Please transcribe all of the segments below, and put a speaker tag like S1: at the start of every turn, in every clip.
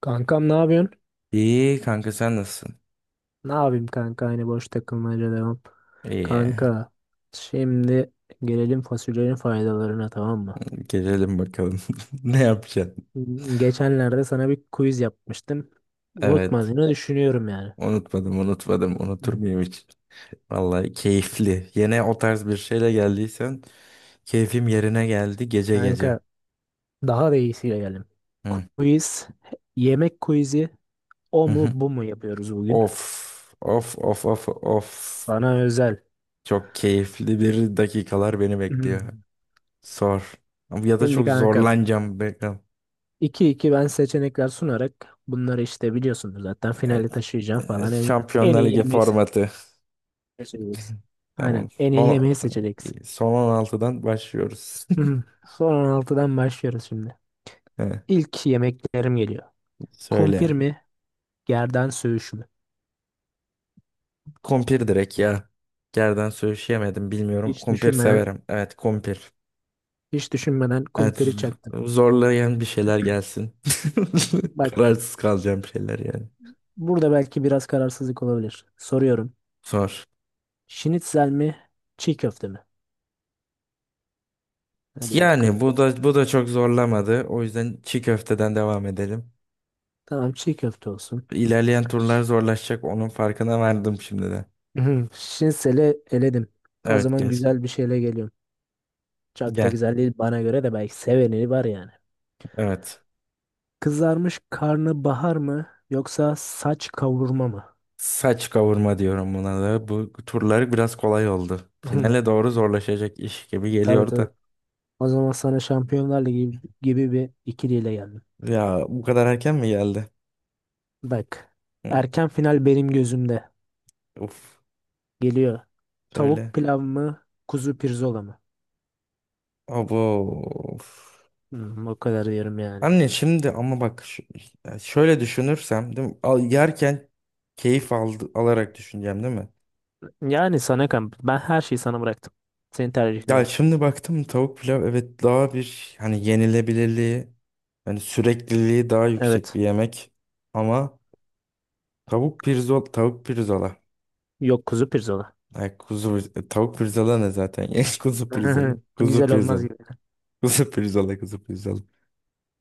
S1: Kankam ne yapıyorsun?
S2: İyi kanka sen nasılsın?
S1: Ne yapayım kanka aynı boş takılmaca devam.
S2: İyi.
S1: Kanka şimdi gelelim fasulyenin faydalarına tamam mı?
S2: Gelelim bakalım. Ne yapacaksın?
S1: Geçenlerde sana bir quiz yapmıştım.
S2: Evet.
S1: Unutmadığını düşünüyorum yani.
S2: Unutmadım, unutmadım.
S1: Hı
S2: Unutur
S1: hı.
S2: muyum hiç? Vallahi keyifli. Yine o tarz bir şeyle geldiysen keyfim yerine geldi gece
S1: Kanka
S2: gece.
S1: daha da iyisiyle gelelim.
S2: Hı.
S1: Quiz, yemek quizi o
S2: Hı hı.
S1: mu bu mu yapıyoruz bugün?
S2: Of, of, of, of, of.
S1: Sana özel.
S2: Çok keyifli bir dakikalar beni bekliyor.
S1: Hmm.
S2: Sor. Ya da
S1: Şimdi
S2: çok
S1: kanka
S2: zorlanacağım. Bakalım.
S1: iki iki ben seçenekler sunarak bunları işte biliyorsunuz zaten finale taşıyacağım falan en
S2: Şampiyonlar
S1: iyi
S2: Ligi
S1: yemeği
S2: formatı.
S1: seçeceksin.
S2: Tamam.
S1: Aynen. En iyi
S2: Son,
S1: yemeği seçeceksin.
S2: son 16'dan başlıyoruz.
S1: Hı. Son 16'dan başlıyoruz şimdi.
S2: He,
S1: İlk yemeklerim geliyor. Kumpir
S2: söyle.
S1: mi? Gerdan söğüşü mü?
S2: Kumpir direkt ya. Gerden söyleyemedim bilmiyorum.
S1: Hiç
S2: Kumpir
S1: düşünmeden,
S2: severim. Evet kumpir.
S1: hiç düşünmeden
S2: Evet
S1: kumpiri çaktım.
S2: zorlayan bir şeyler gelsin.
S1: Bak
S2: Kararsız kalacağım şeyler yani.
S1: burada belki biraz kararsızlık olabilir. Soruyorum.
S2: Sor.
S1: Şinitzel mi? Çiğ köfte mi? Hadi
S2: Yani
S1: bakalım.
S2: bu da bu da çok zorlamadı. O yüzden çiğ köfteden devam edelim.
S1: Tamam, çiğ köfte olsun.
S2: İlerleyen turlar zorlaşacak. Onun farkına vardım şimdiden.
S1: Hı. Şinitzel'i eledim. O
S2: Evet
S1: zaman
S2: gel.
S1: güzel bir şeyle geliyorum. Çok da
S2: Gel.
S1: güzel değil bana göre, de belki seveni var yani.
S2: Evet.
S1: Kızarmış karnabahar mı yoksa saç kavurma mı?
S2: Saç kavurma diyorum buna da. Bu turları biraz kolay oldu. Finale doğru zorlaşacak iş gibi
S1: Tabii
S2: geliyor
S1: tabii.
S2: da.
S1: O zaman sana Şampiyonlar Ligi gibi bir ikiliyle geldim.
S2: Ya bu kadar erken mi geldi?
S1: Bak.
S2: Hı.
S1: Erken final benim gözümde.
S2: Uf.
S1: Geliyor. Tavuk
S2: Söyle.
S1: pilav mı? Kuzu pirzola mı?
S2: Abo. Of.
S1: O kadar diyorum yani.
S2: Anne şimdi ama bak ya şöyle düşünürsem değil mi? Al, yerken keyif aldı, alarak düşüneceğim değil mi?
S1: Yani sana kan. Ben her şeyi sana bıraktım. Senin
S2: Ya
S1: tercihlerin.
S2: şimdi baktım tavuk pilav evet daha bir hani yenilebilirliği hani sürekliliği daha yüksek bir
S1: Evet.
S2: yemek ama tavuk pirzola tavuk pirzola.
S1: Yok, kuzu pirzola.
S2: Ay tavuk pirzola ne zaten ya kuzu pirzola kuzu
S1: Güzel olmaz
S2: pirzola
S1: gibi.
S2: kuzu pirzola kuzu pirzola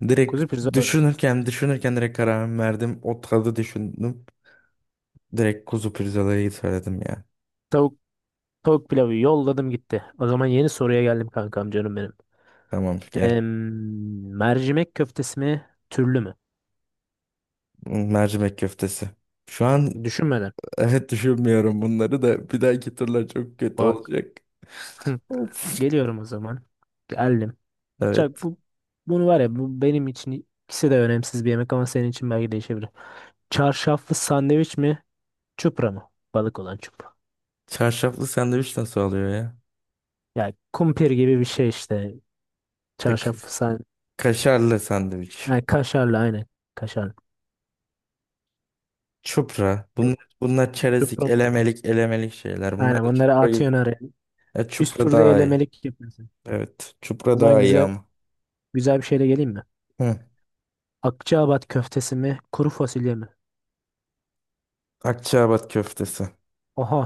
S2: direkt
S1: Kuzu pirzola.
S2: düşünürken düşünürken direkt kararımı verdim, o tadı düşündüm direkt kuzu pirzolayı söyledim ya.
S1: Tavuk, tavuk pilavı yolladım gitti. O zaman yeni soruya geldim kankam canım benim.
S2: Tamam gel.
S1: Mercimek köftesi mi, türlü mü?
S2: Mercimek köftesi şu an.
S1: Düşünmeden.
S2: Evet düşünmüyorum, bunları da bir dahaki turlar çok kötü
S1: Bak.
S2: olacak. Of.
S1: Geliyorum o zaman. Geldim. Çak
S2: Evet.
S1: bu bunu var ya, bu benim için ikisi de önemsiz bir yemek ama senin için belki değişebilir. Çarşaflı sandviç mi, çupra mı? Balık olan çupra.
S2: Çarşaflı sandviç nasıl oluyor ya?
S1: Yani kumpir gibi bir şey işte.
S2: E, Ka-
S1: Çarşaflı sandviç.
S2: kaşarlı sandviç.
S1: Yani kaşarlı aynen. Kaşarlı.
S2: Çupra.
S1: Yok,
S2: Bunlar, bunlar çerezlik,
S1: çupra mı?
S2: elemelik, elemelik şeyler.
S1: Aynen,
S2: Bunlar da
S1: onları
S2: çupra gibi-
S1: atıyorsun araya. Üst
S2: Çupra
S1: turda
S2: daha iyi.
S1: elemelik yapıyorsun.
S2: Evet.
S1: O
S2: Çupra
S1: zaman
S2: daha iyi
S1: güzel
S2: ama.
S1: güzel bir şeyle geleyim mi?
S2: Hı.
S1: Akçaabat köftesi mi, kuru fasulye mi?
S2: Akçaabat köftesi.
S1: Oha.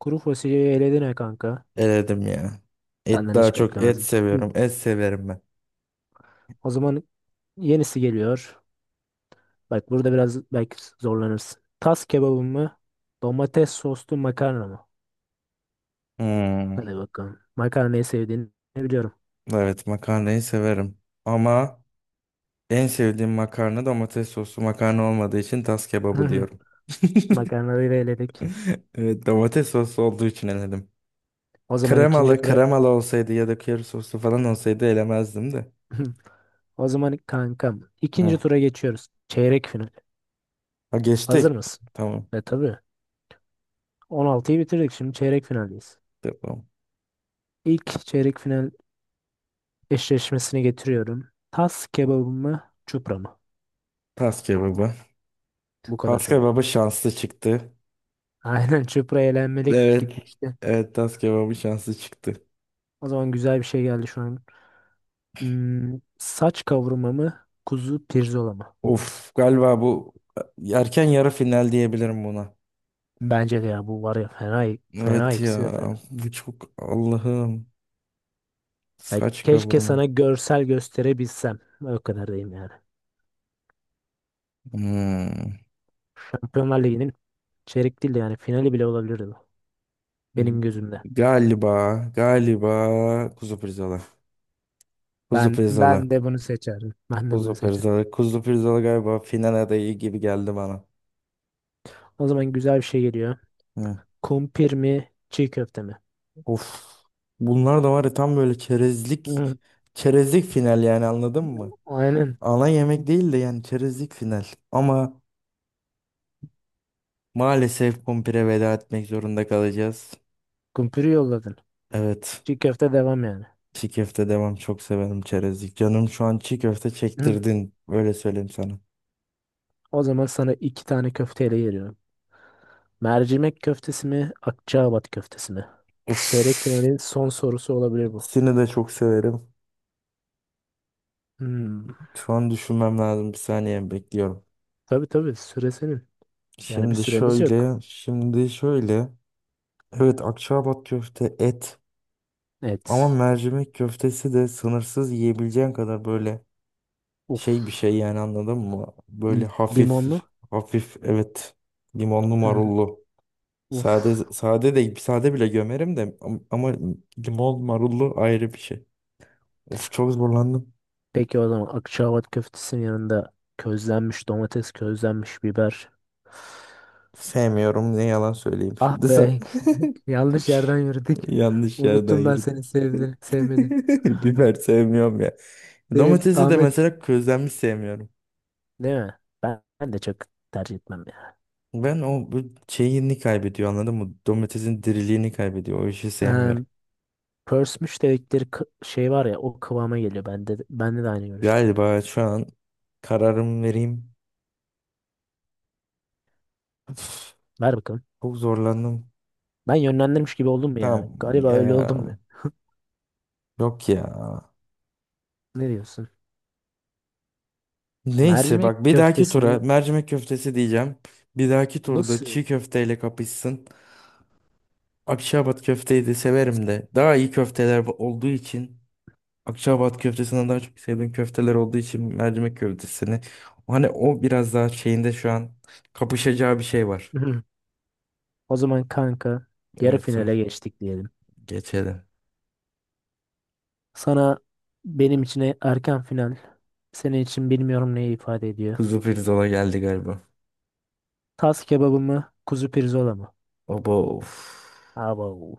S1: Kuru fasulyeyi eledin ha kanka.
S2: Eledim ya. Et
S1: Senden
S2: daha
S1: hiç
S2: çok, et
S1: beklemezdim. Hı.
S2: seviyorum. Et severim ben.
S1: O zaman yenisi geliyor. Bak burada biraz belki zorlanırsın. Tas kebabı mı? Domates soslu makarna mı?
S2: Hmm.
S1: Hadi bakalım. Makarnayı sevdiğini biliyorum.
S2: Evet makarnayı severim. Ama en sevdiğim makarna domates soslu makarna olmadığı için tas kebabı diyorum.
S1: Makarnayı da eledik.
S2: Evet domates soslu olduğu için eledim.
S1: O zaman ikinci
S2: Kremalı
S1: tura
S2: kremalı olsaydı ya da köri soslu falan olsaydı elemezdim de.
S1: o zaman kankam ikinci tura geçiyoruz. Çeyrek final.
S2: Ha
S1: Hazır
S2: geçtik.
S1: mısın?
S2: Tamam.
S1: E tabii. 16'yı bitirdik. Şimdi çeyrek finaldeyiz.
S2: Tamam.
S1: İlk çeyrek final eşleşmesini getiriyorum. Tas kebabı mı? Çupra mı?
S2: Tas kebabı.
S1: Bu kadar
S2: Tas
S1: çabuk.
S2: kebabı şanslı çıktı.
S1: Aynen, çıpra elenmelik
S2: Evet.
S1: gitmişti.
S2: Evet tas kebabı şanslı çıktı.
S1: O zaman güzel bir şey geldi şu an. Saç kavurma mı? Kuzu pirzola mı?
S2: Of galiba bu erken yarı final diyebilirim buna.
S1: Bence de ya, bu var ya, fena fena,
S2: Evet
S1: ikisi de
S2: ya
S1: fena.
S2: bu çok Allah'ım,
S1: Ya
S2: saç
S1: keşke
S2: kavurma.
S1: sana görsel gösterebilsem. O kadar diyeyim yani.
S2: Hmm.
S1: Şampiyonlar Ligi'nin çeyrek değil de yani finali bile olabilirdi bu. Benim gözümde.
S2: Galiba galiba kuzu pirzola. Kuzu
S1: Ben
S2: pirzola.
S1: ben de bunu seçerdim. Ben de
S2: Kuzu
S1: bunu seçerdim.
S2: pirzola. Kuzu pirzola galiba final adayı gibi geldi bana.
S1: O zaman güzel bir şey geliyor.
S2: Hı.
S1: Kumpir mi, çiğ köfte mi?
S2: Of. Bunlar da var ya tam böyle çerezlik
S1: Hı,
S2: çerezlik final yani, anladın mı?
S1: aynen.
S2: Ana yemek değil de yani çerezlik final. Ama maalesef kumpire veda etmek zorunda kalacağız.
S1: Kumpiri yolladın.
S2: Evet.
S1: Çiğ köfte devam yani.
S2: Çiğ köfte devam, çok severim çerezlik. Canım şu an çiğ köfte
S1: Hı.
S2: çektirdin. Öyle söyleyeyim sana.
S1: O zaman sana iki tane köfteyle geliyorum. Mercimek köftesi mi, Akçaabat köftesi mi? Çeyrek
S2: Uf.
S1: finalin son sorusu olabilir bu.
S2: Seni de çok severim.
S1: Hmm.
S2: Şu an düşünmem lazım. Bir saniye bekliyorum.
S1: Tabii tabii, süre senin. Yani bir
S2: Şimdi
S1: süremiz yok.
S2: şöyle, şimdi şöyle. Evet, Akçaabat köfte et. Ama
S1: Evet.
S2: mercimek köftesi de sınırsız yiyebileceğin kadar böyle şey bir
S1: Uf.
S2: şey yani, anladın mı? Böyle hafif
S1: Limonlu.
S2: hafif, evet limonlu marullu. Sade
S1: Uf.
S2: sade de sade bile gömerim de ama limon marullu ayrı bir şey. Of çok zorlandım.
S1: Peki o zaman Akçaabat köftesinin yanında közlenmiş domates, közlenmiş biber.
S2: Sevmiyorum ne yalan söyleyeyim
S1: Ah
S2: şimdi sen.
S1: be. Yanlış yerden yürüdük.
S2: Yanlış yerden
S1: Unuttum ben, seni
S2: yürüdü.
S1: sevdi, sevmedi.
S2: Biber sevmiyorum ya.
S1: Benim
S2: Domatesi de
S1: Ahmet.
S2: mesela közlenmiş sevmiyorum.
S1: Değil mi? Ben de çok tercih etmem ya.
S2: Ben o bu şeyini kaybediyor anladın mı? Domatesin diriliğini kaybediyor. O işi
S1: Ee,
S2: sevmiyorum.
S1: pörsmüş dedikleri şey var ya, o kıvama geliyor. Bende de aynı görüşte.
S2: Galiba şu an kararımı vereyim. Üf,
S1: Ver bakalım.
S2: çok zorlandım.
S1: Ben yönlendirmiş gibi oldum mu
S2: Tamam
S1: ya? Galiba öyle
S2: ya.
S1: oldum da.
S2: Yok ya.
S1: Ne diyorsun?
S2: Neyse
S1: Mercimek
S2: bak bir dahaki tura
S1: köftesini
S2: mercimek köftesi diyeceğim. Bir dahaki turda
S1: nasıl?
S2: çiğ köfteyle kapışsın. Akşabat köfteyi de severim de. Daha iyi köfteler olduğu için, Akçaabat köftesinden daha çok sevdiğim köfteler olduğu için mercimek köftesini. Hani o biraz daha şeyinde şu an kapışacağı bir şey var.
S1: Hı. O zaman kanka yarı
S2: Evet
S1: finale
S2: sor.
S1: geçtik diyelim.
S2: Geçelim.
S1: Sana benim için erken final. Senin için bilmiyorum neyi ifade ediyor.
S2: Kuzu pirzola geldi galiba.
S1: Tas kebabı mı? Kuzu pirzola mı?
S2: Baba of.
S1: Abo.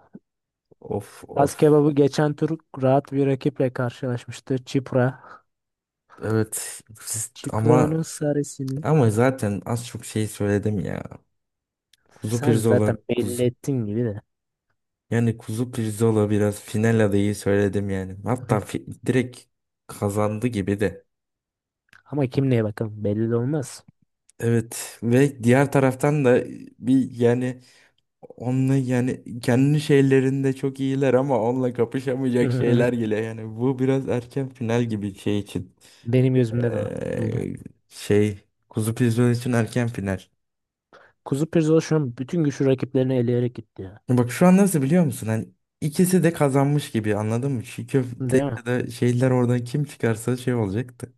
S2: Of of.
S1: Kaz kebabı geçen tur rahat bir rakiple karşılaşmıştı. Çipra.
S2: Evet siz- ama
S1: Çipra'nın sarısını
S2: ama zaten az çok şey söyledim ya. Kuzu
S1: sen
S2: pirzola
S1: zaten belli
S2: kuzu.
S1: ettin gibi de.
S2: Yani kuzu pirzola biraz final adayı söyledim yani. Hatta direkt kazandı gibi de.
S1: Ama kim neye, bakalım belli de olmaz.
S2: Evet ve diğer taraftan da bir yani onunla yani kendi şeylerinde çok iyiler ama onunla kapışamayacak şeyler geliyor. Yani bu biraz erken final gibi şey için.
S1: Benim gözümde de o. Öyle.
S2: Ee, şey Kuzu pizyon için erken final.
S1: Kuzu Pirzola şu an bütün güçlü rakiplerini eleyerek gitti ya.
S2: Bak şu an nasıl biliyor musun? Hani ikisi de kazanmış gibi, anladın mı? Çiğ köfte
S1: Değil mi?
S2: ya da şeyler, oradan kim çıkarsa şey olacaktı.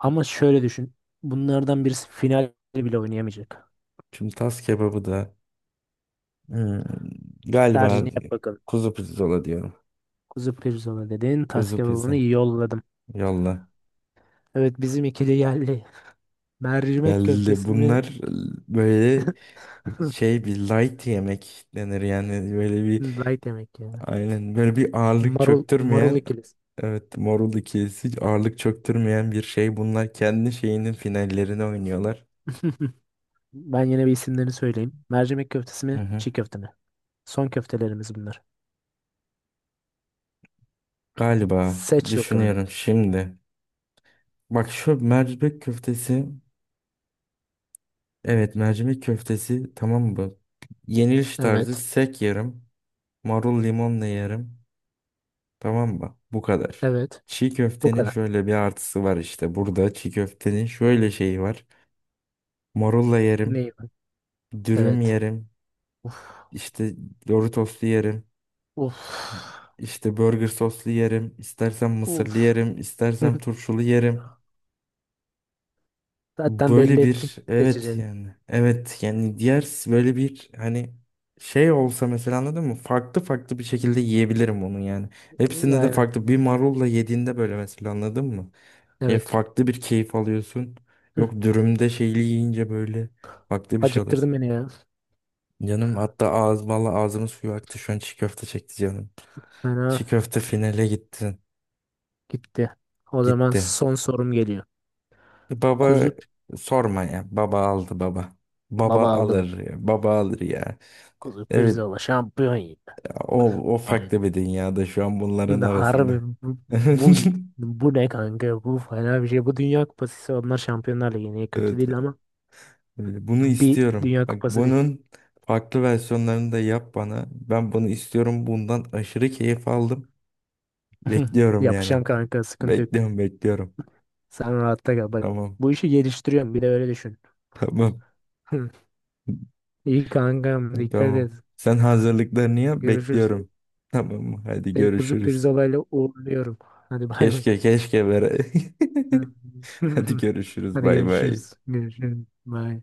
S1: Ama şöyle düşün. Bunlardan birisi final bile oynayamayacak.
S2: Şimdi tas kebabı da hmm, galiba
S1: Tercihini yap bakalım.
S2: kuzu pirzola diyorum.
S1: Kuzu Pirzola dedin. Tas
S2: Kuzu
S1: kebabını
S2: pizza.
S1: yolladım.
S2: Yolla.
S1: Evet, bizim ikili geldi. Mercimek
S2: Geldi.
S1: köftesi mi?
S2: Bunlar böyle şey, bir light yemek denir yani, böyle bir
S1: Light yemek ya.
S2: aynen böyle bir ağırlık
S1: Marul, marul
S2: çöktürmeyen,
S1: ikilisi.
S2: evet Morul ikilisi ağırlık çöktürmeyen bir şey, bunlar kendi şeyinin finallerini oynuyorlar.
S1: Ben yine bir isimlerini söyleyeyim. Mercimek köftesi
S2: Hı
S1: mi,
S2: hı.
S1: çiğ köfte mi? Son köftelerimiz bunlar.
S2: Galiba
S1: Seç bakalım.
S2: düşünüyorum şimdi. Bak şu mercimek köftesi, evet mercimek köftesi tamam mı? Yeniliş tarzı
S1: Evet,
S2: sek yerim. Marul limonla yerim. Tamam mı? Bu kadar.
S1: evet.
S2: Çiğ
S1: Bu
S2: köftenin
S1: kadar.
S2: şöyle bir artısı var işte. Burada çiğ köftenin şöyle şeyi var. Morulla yerim.
S1: Neyim?
S2: Dürüm
S1: Evet.
S2: yerim.
S1: Uf,
S2: İşte Doritoslu yerim.
S1: uf,
S2: İşte burger soslu yerim. İstersem mısırlı
S1: uf.
S2: yerim. İstersem turşulu yerim.
S1: Zaten belli
S2: Böyle
S1: ettik
S2: bir evet
S1: seçeceğini.
S2: yani. Evet yani diğer böyle bir hani şey olsa mesela, anladın mı? Farklı farklı bir şekilde yiyebilirim onu yani. Hepsinde de
S1: Aynen.
S2: farklı. Bir marulla yediğinde böyle mesela, anladın mı?
S1: Evet.
S2: Farklı bir keyif alıyorsun.
S1: Hı.
S2: Yok dürümde şeyli yiyince böyle farklı bir şey
S1: Acıktırdın
S2: alıyorsun.
S1: beni ya.
S2: Canım hatta ağız, valla ağzımın suyu aktı şu an, çiğ köfte çekti canım.
S1: Fena
S2: Çiğ köfte finale gitti.
S1: gitti. O zaman
S2: Gitti.
S1: son sorum geliyor.
S2: Baba
S1: Kuzu
S2: sorma ya. Baba aldı baba. Baba
S1: baba aldı mı?
S2: alır ya. Baba alır ya.
S1: Kuzu
S2: Evet
S1: pirzola şampiyon yedi.
S2: o, o farklı bir dünyada şu an bunların
S1: Şimdi harbi
S2: arasında.
S1: bu, bu, bu ne kanka? Bu fena bir şey. Bu Dünya Kupası ise onlar Şampiyonlar Ligi'ne, kötü
S2: Evet,
S1: değil ama
S2: öyle. Bunu
S1: bir
S2: istiyorum.
S1: Dünya
S2: Bak
S1: Kupası değil.
S2: bunun farklı versiyonlarını da yap bana. Ben bunu istiyorum. Bundan aşırı keyif aldım. Bekliyorum yani.
S1: Yapacağım kanka, sıkıntı yok.
S2: Bekliyorum bekliyorum.
S1: Sen rahatta kal. Bak,
S2: Tamam.
S1: bu işi geliştiriyorum bir de öyle düşün.
S2: Tamam.
S1: İyi kankam, dikkat
S2: Tamam.
S1: et.
S2: Sen hazırlıklarını yap,
S1: Görüşürüz.
S2: bekliyorum. Tamam mı? Hadi
S1: Seni kuzu
S2: görüşürüz.
S1: pirzolayla uğurluyorum. Hadi bay bay.
S2: Keşke keşke bere. Hadi görüşürüz.
S1: Hadi
S2: Bay bay.
S1: görüşürüz. Görüşürüz. Bay.